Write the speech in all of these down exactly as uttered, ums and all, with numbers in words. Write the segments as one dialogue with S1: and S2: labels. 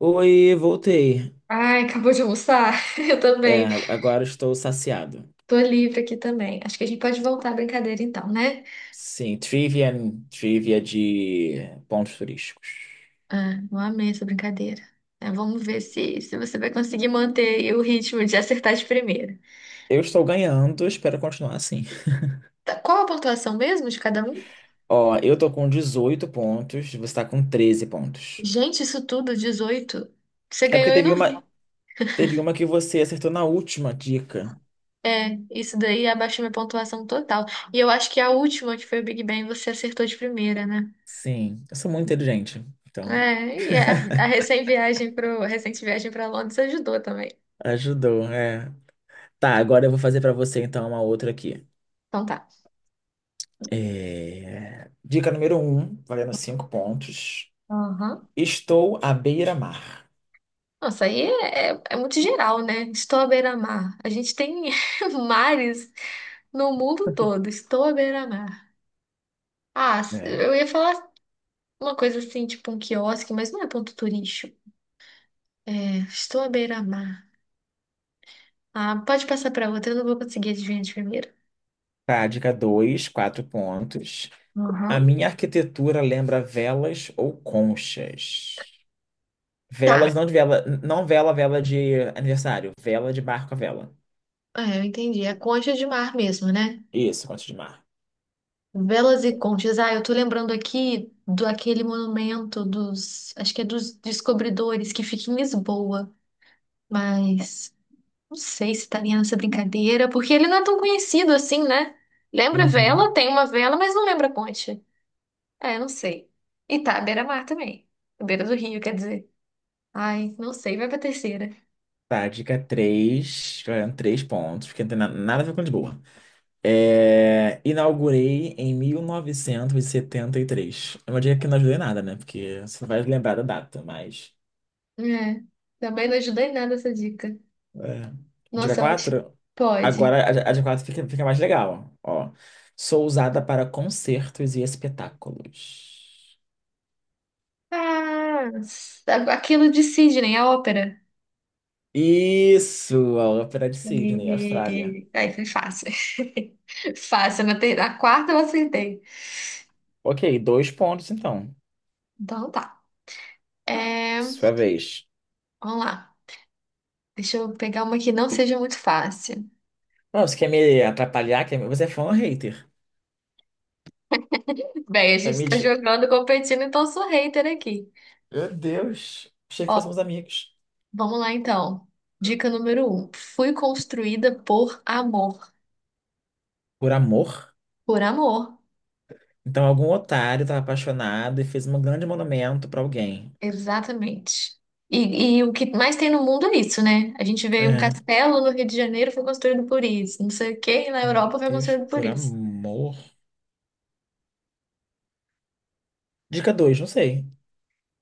S1: Oi, voltei.
S2: Ai, acabou de almoçar? Eu
S1: É,
S2: também.
S1: agora estou saciado.
S2: Tô livre aqui também. Acho que a gente pode voltar à brincadeira então, né?
S1: Sim, trivia, trivia de pontos turísticos.
S2: Ah, eu amei essa brincadeira. É, vamos ver se, se você vai conseguir manter o ritmo de acertar de primeira.
S1: Eu estou ganhando, espero continuar assim.
S2: Tá, qual a pontuação mesmo de cada um?
S1: Ó, eu tô com dezoito pontos, você tá com treze pontos.
S2: Gente, isso tudo, dezoito. Você
S1: É
S2: ganhou
S1: porque
S2: e eu
S1: teve
S2: não
S1: uma,
S2: vi.
S1: teve uma que você acertou na última dica.
S2: É, isso daí abaixou minha pontuação total. E eu acho que a última, que foi o Big Bang, você acertou de primeira, né?
S1: Sim, eu sou muito inteligente, então
S2: É, e a, a recém viagem pro, a recente viagem para Londres ajudou também.
S1: ajudou, é. Tá, agora eu vou fazer pra você então uma outra aqui.
S2: Então tá.
S1: É, dica número um, valendo cinco pontos.
S2: Aham.
S1: Estou à beira-mar.
S2: Nossa, aí é, é, é muito geral, né? Estou à beira-mar. A gente tem mares no mundo todo. Estou à beira-mar. Ah,
S1: É.
S2: eu ia falar uma coisa assim, tipo um quiosque, mas não é ponto turístico. É, estou à beira-mar. Ah, pode passar para outra, eu não vou conseguir adivinhar de primeira.
S1: Tá, dois, quatro pontos. A
S2: Uhum.
S1: minha arquitetura lembra velas ou conchas?
S2: Tá,
S1: Velas, não de vela, não vela, vela de aniversário, vela de barco a vela.
S2: é, eu entendi. É concha de mar mesmo, né?
S1: Isso, concha de mar.
S2: Velas e conchas. Ah, eu tô lembrando aqui do aquele monumento dos, acho que é dos descobridores que fica em Lisboa, mas. Não sei se estaria nessa brincadeira, porque ele não é tão conhecido assim, né? Lembra vela,
S1: Uhum.
S2: tem uma vela, mas não lembra ponte. É, não sei. E tá, à beira-mar também. À beira do rio, quer dizer. Ai, não sei, vai pra terceira.
S1: Tá, dica três, ganhando três pontos, porque não tem na- nada a ver com Lisboa. É, inaugurei em mil novecentos e setenta e três. É uma dica que não ajudei nada, né? Porque você não vai lembrar da data, mas.
S2: É, também não ajudei em nada essa dica.
S1: É. Dica
S2: Nossa, eu acho que
S1: quatro?
S2: pode.
S1: Agora a, a dica quatro fica, fica mais legal. Ó. Sou usada para concertos e espetáculos.
S2: Ah, aquilo de Sidney, a ópera.
S1: Isso! A Ópera de Sydney, Austrália.
S2: E... aí foi fácil. Fácil, na, ter... na quarta eu acertei.
S1: Ok, dois pontos então.
S2: Então tá. É,
S1: Sua vez.
S2: vamos lá. Deixa eu pegar uma que não seja muito fácil.
S1: Não, você quer me atrapalhar? Quer me... Você é fã ou hater?
S2: Bem, a
S1: Quer
S2: gente
S1: me...
S2: tá
S1: des-
S2: jogando, competindo, então sou hater aqui.
S1: Meu Deus! Achei que
S2: Ó,
S1: fôssemos amigos.
S2: vamos lá então. Dica número um. Fui construída por amor.
S1: Por amor?
S2: Por amor,
S1: Então algum otário estava apaixonado e fez um grande monumento para alguém.
S2: exatamente. E, e o que mais tem no mundo é isso, né? A gente vê um
S1: É.
S2: castelo no Rio de Janeiro foi construído por isso. Não sei o quê, na
S1: Meu
S2: Europa foi
S1: Deus,
S2: construído por
S1: por
S2: isso.
S1: amor. Dica dois, não sei.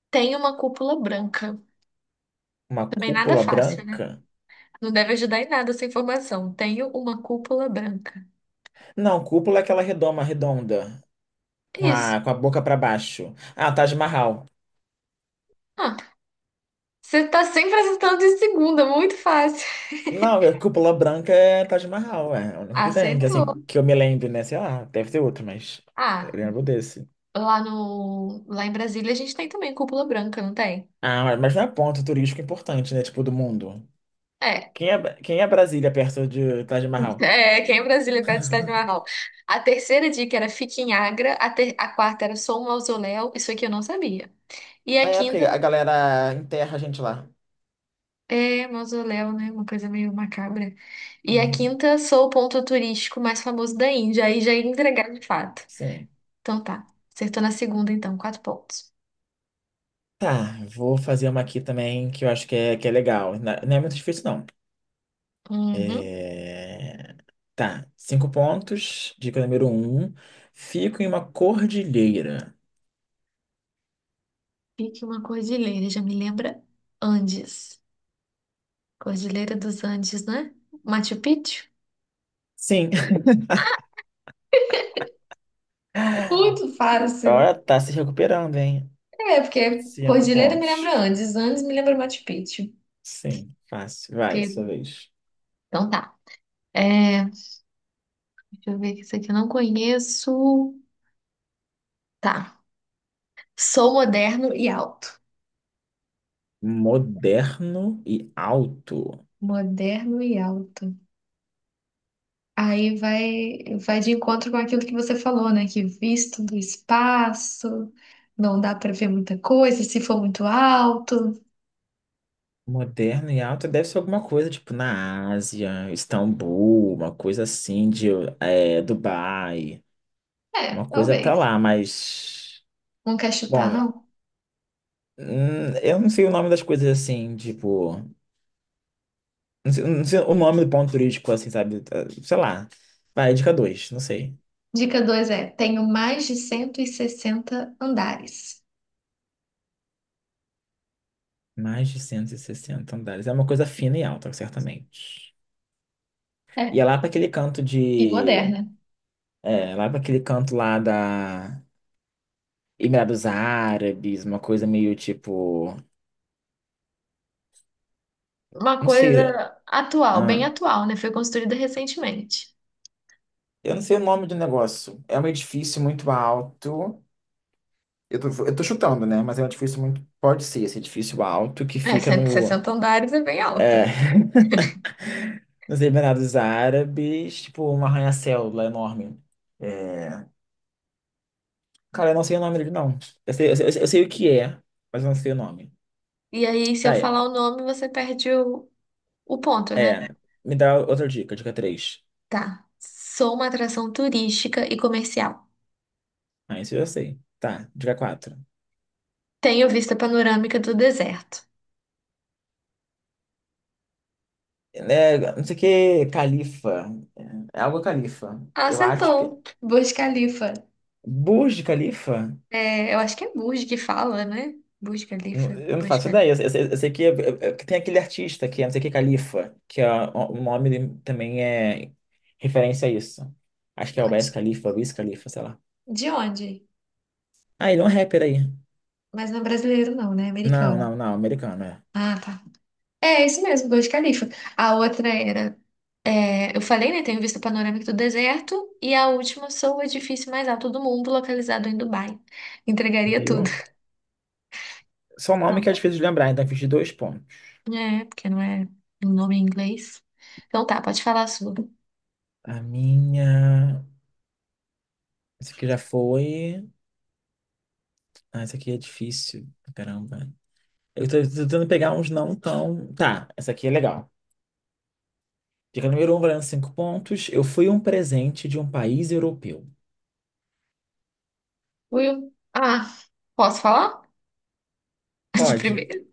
S2: Tenho uma cúpula branca.
S1: Uma
S2: Também nada
S1: cúpula
S2: fácil, né?
S1: branca?
S2: Não deve ajudar em nada essa informação. Tenho uma cúpula branca.
S1: Não, cúpula é aquela redoma, redonda, com
S2: Isso.
S1: a, com a boca para baixo. Ah, Taj Mahal.
S2: Ah, você tá sempre acertando de segunda, muito fácil.
S1: Não, é cúpula branca é Taj Mahal, é. é O único que tem, que assim,
S2: Acertou.
S1: que eu me lembre, né? Sei lá, deve ter outro, mas eu
S2: Ah,
S1: lembro desse.
S2: lá no, lá em Brasília a gente tem também cúpula branca, não tem?
S1: Ah, mas não é ponto turístico importante, né? Tipo, do mundo.
S2: É.
S1: Quem é, quem é Brasília perto de Taj Mahal?
S2: É, quem em Brasília é perto do Estádio Marrom. A terceira dica era fique em Agra, a, ter- a quarta era sou um mausoléu, isso aqui eu não sabia. E a
S1: É,
S2: quinta
S1: porque a galera enterra a gente lá.
S2: é mausoléu, né? Uma coisa meio macabra. E a
S1: Uhum,
S2: quinta sou o ponto turístico mais famoso da Índia, aí já ia entregar de fato.
S1: sim.
S2: Então tá, acertou na segunda então, quatro pontos.
S1: Tá, vou fazer uma aqui também que eu acho que é, que é legal. Na- Não é muito difícil, não.
S2: Uhum.
S1: É, tá, cinco pontos. Dica número um. Fico em uma cordilheira.
S2: Fique uma cordilheira, já me lembra Andes. Cordilheira dos Andes, né? Machu Picchu?
S1: Sim.
S2: Muito fácil.
S1: Agora tá se recuperando, hein?
S2: É, porque
S1: Cinco
S2: Cordilheira me
S1: pontos.
S2: lembra Andes, Andes me lembra Machu Picchu.
S1: Sim, fácil. Vai, sua
S2: Pego.
S1: vez.
S2: Então tá. É, deixa eu ver que isso aqui eu não conheço. Tá. Sou moderno e alto.
S1: Moderno e alto.
S2: Moderno e alto. Aí vai, vai de encontro com aquilo que você falou, né? Que visto do espaço, não dá pra ver muita coisa se for muito alto.
S1: Moderno e alto deve ser alguma coisa, tipo, na Ásia, Istambul, uma coisa assim de é, Dubai.
S2: É,
S1: Uma coisa pra
S2: talvez.
S1: lá, mas.
S2: Não quer chutar,
S1: Bom,
S2: não?
S1: hum, eu não sei o nome das coisas assim, tipo. Não sei, não sei o nome do ponto turístico, assim, sabe? Eh, Sei lá. Vai, dica dois, não sei.
S2: Dica dois é: tenho mais de cento e sessenta andares.
S1: Mais de cento e sessenta andares. É uma coisa fina e alta, certamente. E
S2: É,
S1: é lá para aquele canto
S2: e
S1: de.
S2: moderna.
S1: É, lá para aquele canto lá da. Emirados Árabes, uma coisa meio tipo.
S2: Uma
S1: Não sei.
S2: coisa atual, bem
S1: ah,
S2: atual, né? Foi construída recentemente.
S1: eu não sei o nome do negócio. É um edifício muito alto. Eu tô, eu tô chutando, né? Mas é um edifício muito. Pode ser esse edifício alto que
S2: É,
S1: fica
S2: cento e
S1: no.
S2: sessenta andares é bem
S1: É,
S2: alta.
S1: nos Emirados Árabes, tipo, um arranha-céu lá enorme. É, cara, eu não sei o nome dele, não. Eu sei, eu sei, eu sei o que é, mas eu não sei o nome.
S2: E aí, se eu
S1: Tá, é.
S2: falar o nome, você perde o, o ponto, né?
S1: É. Me dá outra dica, dica três.
S2: Tá. Sou uma atração turística e comercial.
S1: Ah, isso eu sei. Tá, dica quatro.
S2: Tenho vista panorâmica do deserto.
S1: É, não sei o que, Califa. É é algo Califa. Eu acho que é
S2: Acertou. Burj Khalifa.
S1: Burj Khalifa?
S2: É, eu acho que é Burj que fala, né? Burj
S1: Não,
S2: Khalifa,
S1: eu não
S2: Burj
S1: faço ideia. Eu, eu, eu sei que, eu- eu- que tem aquele artista que é não sei o que, Califa, que é, o o nome dele também é referência a isso. Acho que é o Wiz
S2: Khalifa.
S1: Khalifa, Wiz Khalifa, sei lá.
S2: De onde?
S1: Ah, ele é um rapper aí.
S2: Mas não é brasileiro, não, né? É
S1: Não,
S2: americano.
S1: não, não, americano, é.
S2: Ah, tá. É, é isso mesmo, Burj Khalifa. A outra era. É, eu falei, né? Tenho vista panorâmica do deserto. E a última sou o edifício mais alto do mundo, localizado em Dubai. Entregaria
S1: Viu?
S2: tudo.
S1: Só o nome que é
S2: Não.
S1: difícil de lembrar, então eu fiz de dois pontos.
S2: É, porque não é um nome em inglês. Então tá, pode falar a sua.
S1: A minha. Esse aqui já foi. Ah, esse aqui é difícil. Caramba. Eu tô, tô tentando pegar uns não tão. Tá, essa aqui é legal. Dica número um, valendo cinco pontos. Eu fui um presente de um país europeu.
S2: Will? Ah, posso falar? De
S1: Pode.
S2: primeiro.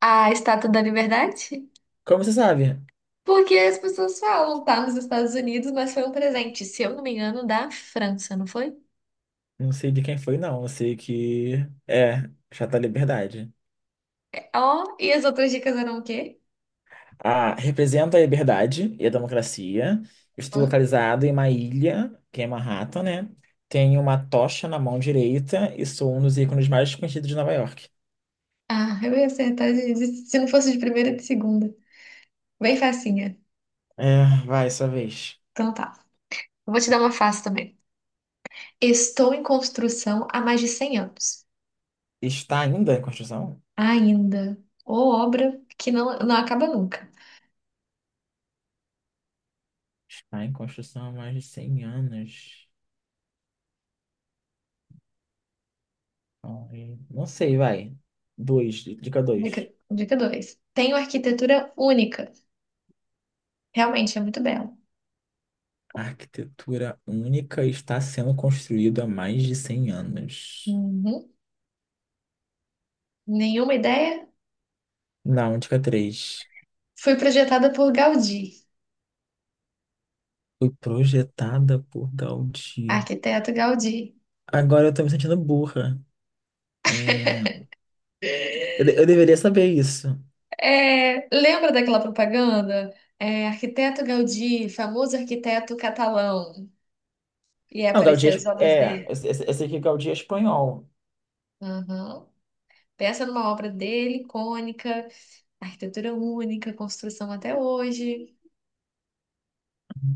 S2: A Estátua da Liberdade?
S1: Como você sabe?
S2: Porque as pessoas falam, tá nos Estados Unidos, mas foi um presente, se eu não me engano, da França, não foi?
S1: Não sei de quem foi, não. Eu sei que é Chata Liberdade.
S2: Ó, e as outras dicas eram o quê?
S1: Ah, representa a liberdade e a democracia. Estou
S2: Hum?
S1: localizado em uma ilha, que é Manhattan, né? Tenho uma tocha na mão direita e sou um dos ícones mais conhecidos de Nova York.
S2: Ah, eu ia acertar de, de- se não fosse de primeira, de segunda. Bem facinha.
S1: É, vai, sua vez.
S2: Então tá. Eu vou te dar uma fácil também. Estou em construção há mais de cem anos.
S1: Está ainda em construção?
S2: Ainda. Ou obra que não, não acaba nunca.
S1: Está em construção há mais de cem anos. Ai, não sei, vai. Dois, dica
S2: Dica,
S1: dois.
S2: dica dois. Tenho arquitetura única. Realmente, é muito bela.
S1: A arquitetura única está sendo construída há mais de cem anos.
S2: Uhum. Nenhuma ideia?
S1: Não, dica três.
S2: Fui projetada por Gaudí.
S1: Foi projetada por Gaudí.
S2: Arquiteto Gaudí.
S1: Agora eu tô me sentindo burra. É, Eu, de- eu deveria saber isso.
S2: É, lembra daquela propaganda? É, arquiteto Gaudí, famoso arquiteto catalão. E aí
S1: Não, Gaudí é...
S2: apareciam as
S1: es-
S2: obras
S1: é,
S2: dele.
S1: Eu, se- eu sei que Gaudí é espanhol.
S2: Aham. Pensa numa obra dele, icônica, arquitetura única, construção até hoje.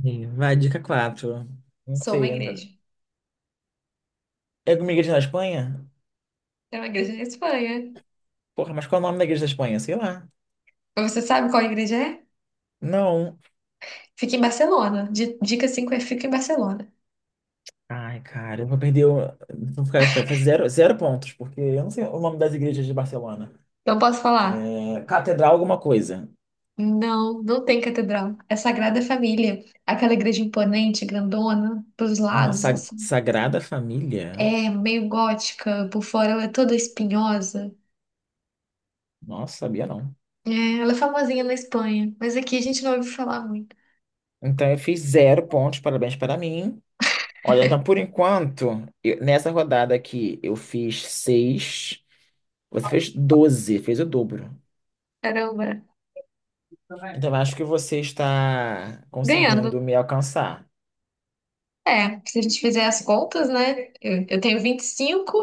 S1: E vai, dica quatro. Não
S2: Sou uma
S1: sei ainda.
S2: igreja.
S1: É alguma igreja na Espanha?
S2: É uma igreja na Espanha.
S1: Porra, mas qual é o nome da igreja da Espanha? Sei lá.
S2: Mas você sabe qual igreja é?
S1: Não.
S2: Fica em Barcelona. Di- Dica cinco é fica em Barcelona.
S1: Ai, cara, eu vou perder. o- Vou ficar, vai fazer zero, zero pontos, porque eu não sei o nome das igrejas de Barcelona.
S2: Não posso falar.
S1: É, catedral é alguma coisa.
S2: Não, não tem catedral. É Sagrada Família. Aquela igreja imponente, grandona, pros lados,
S1: Nossa,
S2: assim.
S1: Sagrada Família?
S2: É meio gótica, por fora ela é toda espinhosa.
S1: Nossa, sabia não.
S2: É, ela é famosinha na Espanha, mas aqui a gente não ouviu falar muito.
S1: Então eu fiz zero pontos, parabéns para mim. Olha, então por enquanto, eu- nessa rodada aqui eu fiz seis, você fez doze, fez o dobro.
S2: Caramba,
S1: Então eu acho que você está conseguindo
S2: ganhando.
S1: me alcançar.
S2: É, se a gente fizer as contas, né? Eu, eu tenho vinte e cinco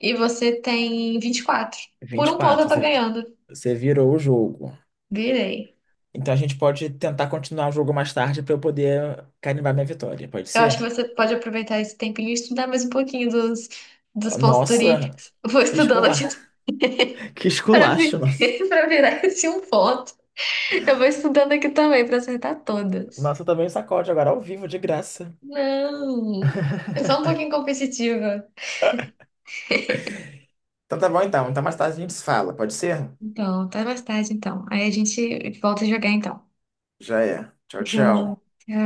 S2: e você tem vinte e quatro. Por um ponto eu
S1: vinte e quatro,
S2: tô
S1: você,
S2: ganhando.
S1: você virou o jogo.
S2: Virei.
S1: Então a gente pode tentar continuar o jogo mais tarde para eu poder carimbar minha vitória, pode
S2: Eu acho que
S1: ser?
S2: você pode aproveitar esse tempinho e estudar mais um pouquinho dos, dos pontos
S1: Nossa,
S2: turísticos. Eu vou
S1: que
S2: estudando
S1: escola,
S2: aqui
S1: que
S2: para
S1: esculacho,
S2: vi-
S1: nossa.
S2: para virar esse um ponto. Eu vou estudando aqui também para acertar todas.
S1: Nossa, eu também um sacode agora ao vivo, de graça.
S2: Não, eu sou um pouquinho competitiva.
S1: Então tá bom então. Então mais tarde a gente se fala, pode ser?
S2: Então, até mais tarde, então. Aí a gente volta a jogar, então.
S1: Já é. Tchau, tchau.
S2: Joga.